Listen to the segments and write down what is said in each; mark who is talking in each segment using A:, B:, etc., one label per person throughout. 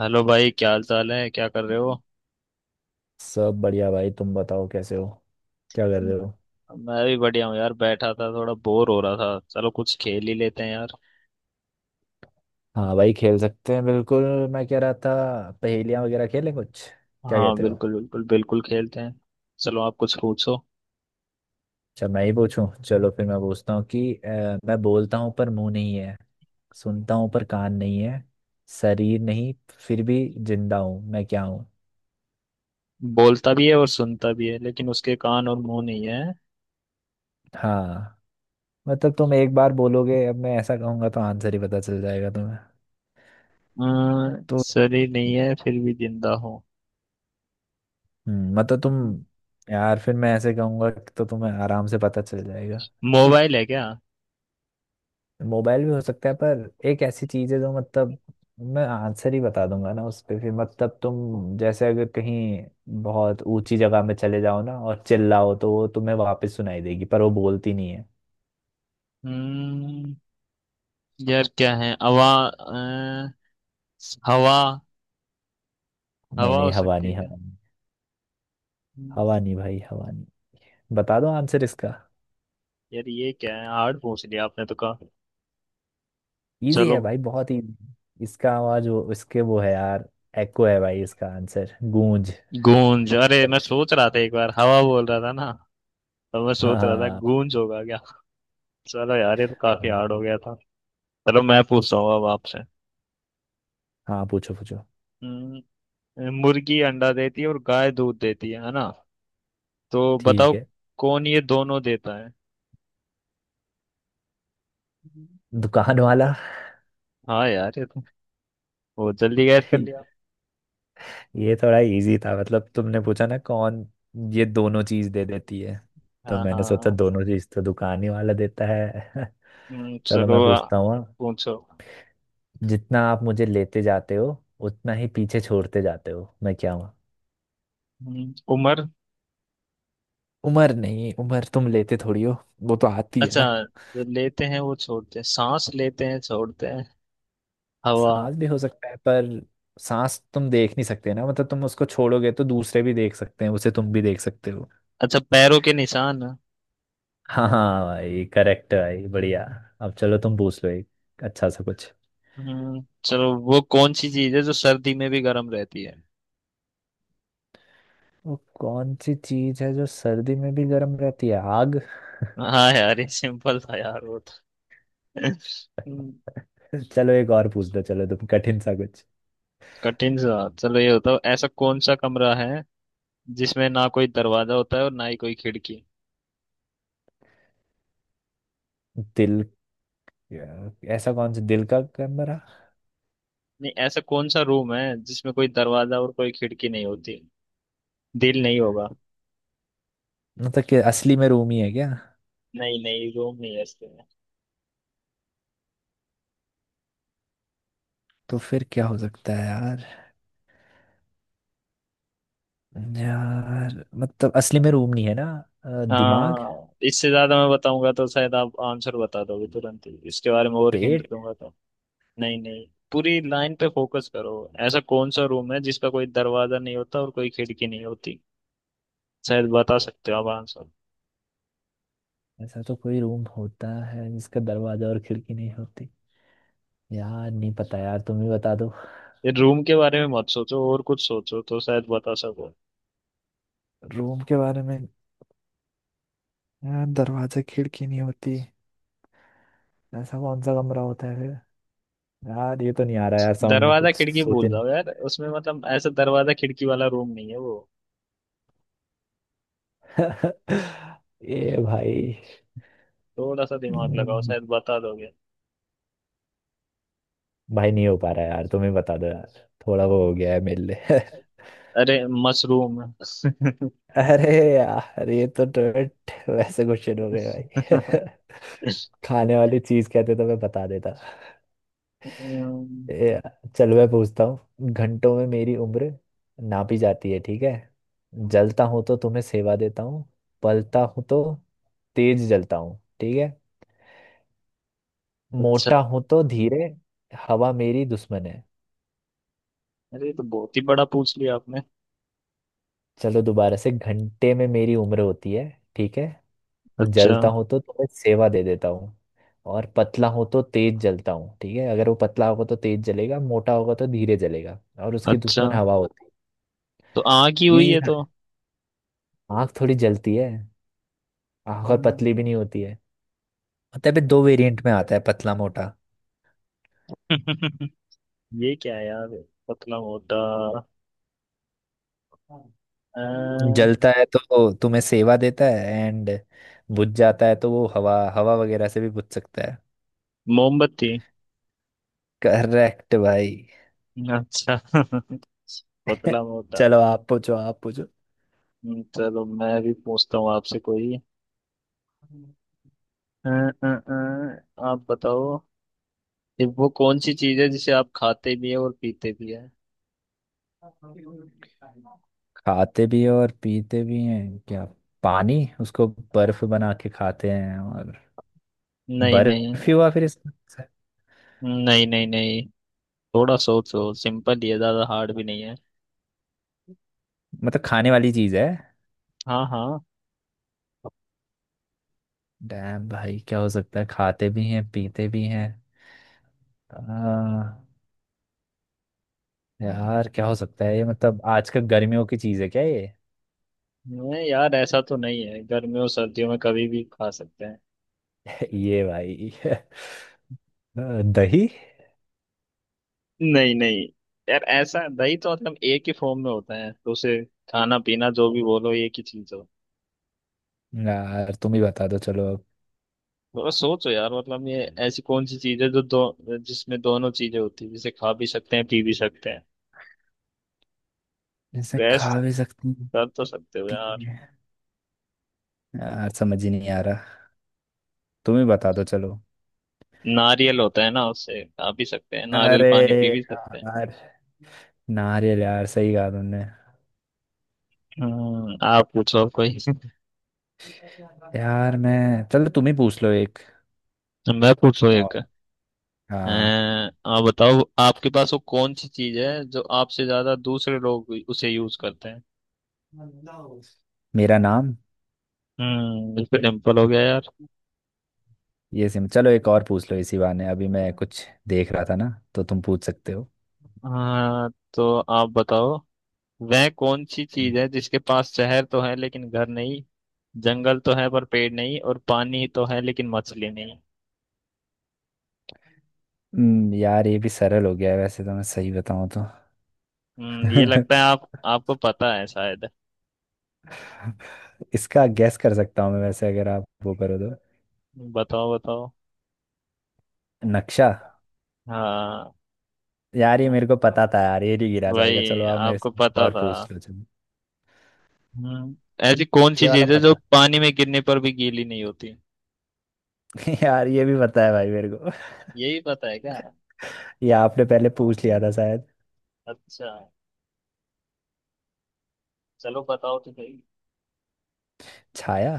A: Hello भाई, क्या हाल चाल है? क्या कर रहे हो?
B: सब बढ़िया भाई। तुम बताओ कैसे हो? क्या कर रहे हो?
A: मैं मैं भी बढ़िया हूँ यार। बैठा था, थोड़ा बोर हो रहा था। चलो कुछ खेल ही लेते हैं यार।
B: हाँ भाई, खेल सकते हैं बिल्कुल। मैं कह रहा था पहेलियाँ वगैरह खेलें कुछ, क्या
A: हाँ
B: कहते हो?
A: बिल्कुल बिल्कुल बिल्कुल, खेलते हैं। चलो, आप कुछ पूछो।
B: अच्छा, मैं ही पूछूं, चलो फिर मैं पूछता हूँ कि मैं बोलता हूँ पर मुंह नहीं है, सुनता हूँ पर कान नहीं है, शरीर नहीं, फिर भी जिंदा हूँ। मैं क्या हूँ?
A: बोलता भी है और सुनता भी है, लेकिन उसके कान और मुंह नहीं है।
B: हाँ, मतलब तुम एक बार बोलोगे, अब मैं ऐसा कहूंगा तो आंसर ही पता चल जाएगा तुम्हें। तो
A: शरीर नहीं है फिर भी जिंदा हो?
B: मतलब तुम, यार फिर मैं ऐसे कहूंगा तो तुम्हें आराम से पता चल जाएगा।
A: मोबाइल है क्या?
B: मोबाइल भी हो सकता है, पर एक ऐसी चीज है जो मतलब मैं आंसर ही बता दूंगा ना उस पे, फिर मतलब तुम जैसे अगर कहीं बहुत ऊंची जगह में चले जाओ ना और चिल्लाओ तो वो तुम्हें वापस सुनाई देगी, पर वो बोलती नहीं है।
A: हम्म यार, क्या है? हवा अ, हवा
B: नहीं
A: हवा हो
B: नहीं, हवा
A: सकती है
B: नहीं,
A: क्या?
B: हवा नहीं,
A: हम्म,
B: हवा नहीं भाई, हवा नहीं। बता दो आंसर इसका।
A: यार, ये क्या है? हार्ड पूछ लिया आपने, तो कहा।
B: इजी
A: चलो।
B: है भाई, बहुत इजी, इसका आवाज वो इसके वो है यार। एको है भाई, इसका आंसर गूंज।
A: गूंज? अरे, मैं सोच रहा था एक बार हवा बोल रहा था ना, तो मैं सोच रहा था
B: हाँ
A: गूंज होगा क्या। चलो यार, ये तो काफी हार्ड हो गया था। चलो मैं पूछता हूँ अब आपसे।
B: हाँ, पूछो पूछो।
A: हम्म, मुर्गी अंडा देती है और गाय दूध देती है ना? तो
B: ठीक
A: बताओ,
B: है।
A: कौन ये दोनों देता है?
B: दुकान वाला।
A: हाँ यार, ये तो बहुत जल्दी गैस कर लिया।
B: ये थोड़ा इजी था, मतलब तुमने पूछा ना कौन ये दोनों चीज दे देती है, तो
A: हाँ
B: मैंने सोचा
A: हाँ।
B: दोनों चीज तो दुकान ही वाला देता है।
A: हम्म,
B: चलो मैं
A: चलो आ,
B: पूछता हूँ अब।
A: पूछो।
B: जितना आप मुझे लेते जाते हो उतना ही पीछे छोड़ते जाते हो, मैं क्या हूँ?
A: उम्र।
B: उम्र नहीं, उम्र तुम लेते थोड़ी हो, वो तो आती है
A: अच्छा।
B: ना।
A: जो लेते हैं वो छोड़ते हैं, सांस लेते हैं छोड़ते हैं। हवा।
B: सांस भी हो सकता है, पर सांस तुम देख नहीं सकते ना, मतलब तुम उसको छोड़ोगे तो दूसरे भी देख सकते हैं उसे, तुम भी देख सकते हो।
A: अच्छा, पैरों के निशान।
B: हाँ हाँ भाई, करेक्ट भाई, बढ़िया। अब चलो तुम पूछ लो एक, अच्छा सा कुछ।
A: चलो, वो कौन सी चीज है जो सर्दी में भी गर्म रहती है?
B: वो कौन सी चीज है जो सर्दी में भी गर्म रहती है? आग।
A: हाँ यार, ये सिंपल था यार वो तो। हम्म,
B: चलो एक और पूछ दो, चलो तुम कठिन सा कुछ।
A: कठिन सा चलो, ये बताओ, ऐसा कौन सा कमरा है जिसमें ना कोई दरवाजा होता है और ना ही कोई खिड़की?
B: दिल। ऐसा कौन सा दिल का कमरा?
A: नहीं, ऐसा कौन सा रूम है जिसमें कोई दरवाजा और कोई खिड़की नहीं होती? दिल नहीं होगा।
B: मतलब कि असली में रूम ही है क्या?
A: नहीं नहीं, रूम नहीं है इसके में।
B: तो फिर क्या हो सकता है यार? यार मतलब असली में रूम नहीं है ना। दिमाग।
A: हाँ, इससे ज्यादा मैं बताऊंगा तो शायद आप आंसर बता दोगे तुरंत ही। इसके बारे में और हिंट
B: पेट।
A: दूंगा। नहीं नहीं, पूरी लाइन पे फोकस करो। ऐसा कौन सा रूम है जिसका कोई दरवाजा नहीं होता और कोई खिड़की नहीं होती? शायद बता सकते हो आप आंसर।
B: ऐसा तो कोई रूम होता है जिसका दरवाजा और खिड़की नहीं होती? यार नहीं पता, यार तुम ही बता दो।
A: ये रूम के बारे में मत सोचो और कुछ सोचो तो शायद बता सको।
B: रूम के बारे में, यार दरवाजा खिड़की नहीं होती, ऐसा कौन सा कमरा होता है फिर? यार ये तो नहीं आ रहा यार, समझ में
A: दरवाजा
B: कुछ
A: खिड़की भूल
B: सोचे
A: जाओ यार, उसमें मतलब ऐसा दरवाजा खिड़की वाला रूम नहीं है वो।
B: नहीं। ये भाई।
A: थोड़ा सा दिमाग लगाओ,
B: हम्म,
A: शायद बता दोगे।
B: भाई नहीं हो पा रहा यार, तुम ही बता दो यार, थोड़ा वो हो गया है मेरे लिए।
A: अरे, मशरूम।
B: अरे यार, ये तो टोट वैसे क्वेश्चन हो गए भाई। खाने वाली चीज कहते तो मैं बता देता।
A: अम्म,
B: ए यार, चल मैं पूछता हूँ। घंटों में मेरी उम्र नापी जाती है, ठीक है। जलता हूँ तो तुम्हें सेवा देता हूँ, पलता हूँ तो तेज जलता हूँ, ठीक है। मोटा
A: अच्छा।
B: हूं तो धीरे, हवा मेरी दुश्मन है।
A: अरे, ये तो बहुत ही बड़ा पूछ लिया आपने।
B: चलो दोबारा से, घंटे में मेरी उम्र होती है, ठीक है।
A: अच्छा।
B: जलता हूं तो तुम्हें सेवा दे देता हूँ, और पतला हूं तो तेज जलता हूँ, ठीक है, अगर वो पतला होगा तो तेज जलेगा, मोटा होगा तो धीरे जलेगा, और उसकी
A: अच्छा,
B: दुश्मन हवा होती
A: तो आँख ही
B: है।
A: हुई
B: इजी
A: है
B: था।
A: तो।
B: आँख थोड़ी जलती है, आँख और
A: हम्म।
B: पतली भी नहीं होती है। मतलब ये दो वेरिएंट में आता है, पतला मोटा।
A: ये क्या है यार? पतला मोटा। अ,
B: जलता है तो तुम्हें सेवा देता है एंड बुझ जाता है, तो वो हवा हवा वगैरह से भी बुझ सकता है।
A: मोमबत्ती।
B: करेक्ट भाई।
A: अच्छा। पतला मोटा।
B: चलो आप पूछो, आप पूछो।
A: चलो, मैं भी पूछता हूँ आपसे कोई। आप बताओ, ये वो कौन सी चीज है जिसे आप खाते भी है और पीते भी है?
B: खाते भी हैं और पीते भी हैं क्या? पानी, उसको बर्फ बना के खाते हैं और,
A: नहीं
B: बर्फ
A: नहीं।
B: ही हुआ फिर इसका।
A: नहीं नहीं नहीं, थोड़ा सोचो, सिंपल ही है, ज्यादा हार्ड भी नहीं है।
B: मतलब खाने वाली चीज है।
A: हाँ हाँ।
B: डैम भाई, क्या हो सकता है खाते भी हैं पीते भी हैं? आ, यार क्या हो सकता है ये, मतलब आजकल गर्मियों की चीज है क्या ये?
A: नहीं यार, ऐसा तो नहीं है, गर्मियों सर्दियों में कभी भी खा सकते हैं।
B: ये भाई। दही।
A: नहीं नहीं। यार ऐसा दही तो मतलब एक ही फॉर्म में होता है, तो उसे खाना पीना जो भी बोलो, एक ही चीज हो।
B: यार तुम ही बता दो चलो।
A: थोड़ा सोचो यार, मतलब ये ऐसी कौन सी चीज है जो दो, जिसमें दोनों चीजें होती है, जिसे खा भी सकते हैं पी भी सकते हैं?
B: जैसे
A: बेस्ट
B: खा भी सकती हैं,
A: कर तो सकते हो
B: पी भी
A: यार।
B: हैं। यार समझ ही नहीं आ रहा, तुम ही बता दो चलो।
A: नारियल होता है ना, उससे खा भी सकते हैं, नारियल
B: अरे
A: पानी पी भी सकते हैं।
B: यार, नारियल यार, सही कहा तुमने।
A: आप पूछो आप कोई।
B: यार मैं, चलो तुम ही पूछ लो एक
A: मैं पूछो
B: और।
A: एक।
B: हाँ।
A: आप बताओ, आपके पास वो कौन सी चीज है जो आपसे ज्यादा दूसरे लोग उसे यूज करते हैं?
B: मेरा नाम।
A: इस पे टेम्पल हो गया यार।
B: ये सिम, चलो एक और पूछ लो इसी बहाने, अभी मैं कुछ देख रहा था ना तो तुम पूछ सकते हो।
A: हाँ तो आप बताओ, वह कौन सी चीज है जिसके पास शहर तो है लेकिन घर नहीं, जंगल तो है पर पेड़ नहीं, और पानी तो है लेकिन मछली नहीं?
B: यार ये भी सरल हो गया है वैसे तो, मैं सही बताऊं तो।
A: ये लगता है आप, आपको पता है शायद।
B: इसका गैस कर सकता हूँ मैं, वैसे अगर आप वो करो तो।
A: बताओ बताओ।
B: नक्शा।
A: हाँ,
B: यार ये मेरे को पता था यार, ये नहीं गिरा जाएगा,
A: वही
B: चलो आप मेरे
A: आपको
B: से
A: पता
B: और
A: था।
B: पूछ लो चलो।
A: हम्म ऐसी कौन सी
B: ये वाला
A: चीज है जो
B: पता।
A: पानी में गिरने पर भी गीली नहीं होती?
B: यार ये भी पता है भाई मेरे को,
A: यही पता है क्या?
B: ये आपने पहले पूछ लिया था शायद।
A: अच्छा। चलो बताओ तो सही।
B: छाया।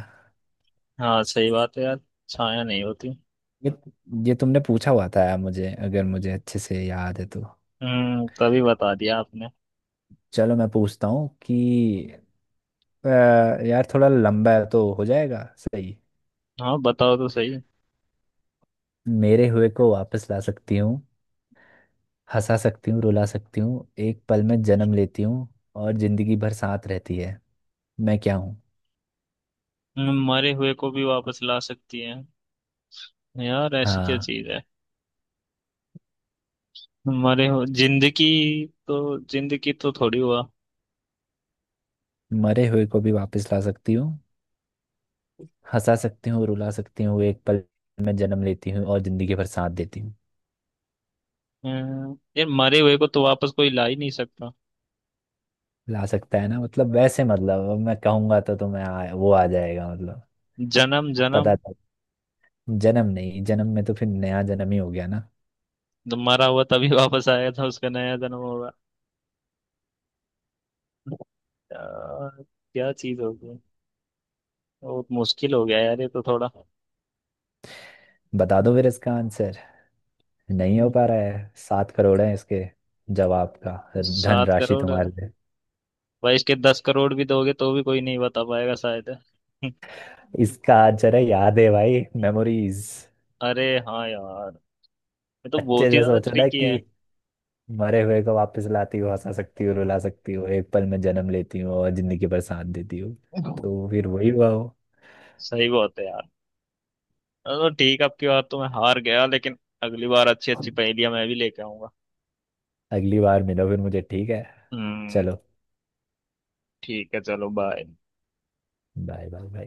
A: हाँ, सही बात है यार। छाया नहीं होती।
B: ये ये तुमने पूछा हुआ था यार मुझे, अगर मुझे अच्छे से याद है तो।
A: तभी बता दिया आपने।
B: चलो मैं पूछता हूँ कि अ, यार थोड़ा लंबा है तो हो जाएगा सही।
A: हाँ, बताओ तो सही।
B: मेरे हुए को वापस ला सकती हूँ, हंसा सकती हूँ, रुला सकती हूँ, एक पल में जन्म लेती हूँ, और जिंदगी भर साथ रहती है, मैं क्या हूँ?
A: मरे हुए को भी वापस ला सकती है? यार, ऐसी क्या
B: हाँ,
A: चीज है? मरे हुए, जिंदगी? तो जिंदगी तो थोड़ी हुआ।
B: मरे हुए को भी वापस ला सकती हूँ, हंसा सकती हूँ, रुला सकती हूँ, एक पल में जन्म लेती हूँ और जिंदगी भर साथ देती हूँ।
A: यार, मरे हुए को तो वापस कोई ला ही नहीं सकता।
B: ला सकता है ना, मतलब वैसे मतलब अब मैं कहूंगा तो तुम्हें वो आ जाएगा मतलब,
A: जन्म जन्म?
B: पता था। जन्म नहीं, जन्म में तो फिर नया जन्म ही हो गया ना।
A: तो मरा हुआ तभी वापस आया था, उसका नया जन्म होगा। यार, क्या चीज होगी? बहुत मुश्किल हो गया यार, ये तो थोड़ा।
B: बता दो फिर इसका आंसर, नहीं हो
A: अम,
B: पा रहा है, 7 करोड़ है इसके जवाब का धन
A: सात
B: राशि
A: करोड़ भाई?
B: तुम्हारे लिए।
A: इसके 10 करोड़ भी दोगे तो भी कोई नहीं बता पाएगा शायद।
B: इसका आज जरा याद है भाई, मेमोरीज।
A: अरे हाँ यार, ये तो
B: अच्छे
A: बहुत ही
B: से
A: ज्यादा
B: सोचो ना
A: ट्रिकी
B: कि
A: है।
B: मरे हुए को वापस लाती हो, हंसा सकती हो, रुला सकती हो, एक पल में जन्म लेती हो और जिंदगी भर साथ देती हो, तो फिर वही हुआ हो।
A: सही बात है यार। तो ठीक है, अब की बार तो मैं हार गया, लेकिन अगली बार अच्छी अच्छी पहेलियां मैं भी लेके आऊंगा।
B: अगली बार मिलो फिर मुझे, ठीक है।
A: हम्म
B: चलो,
A: ठीक है, चलो बाय।
B: Bye bye bye.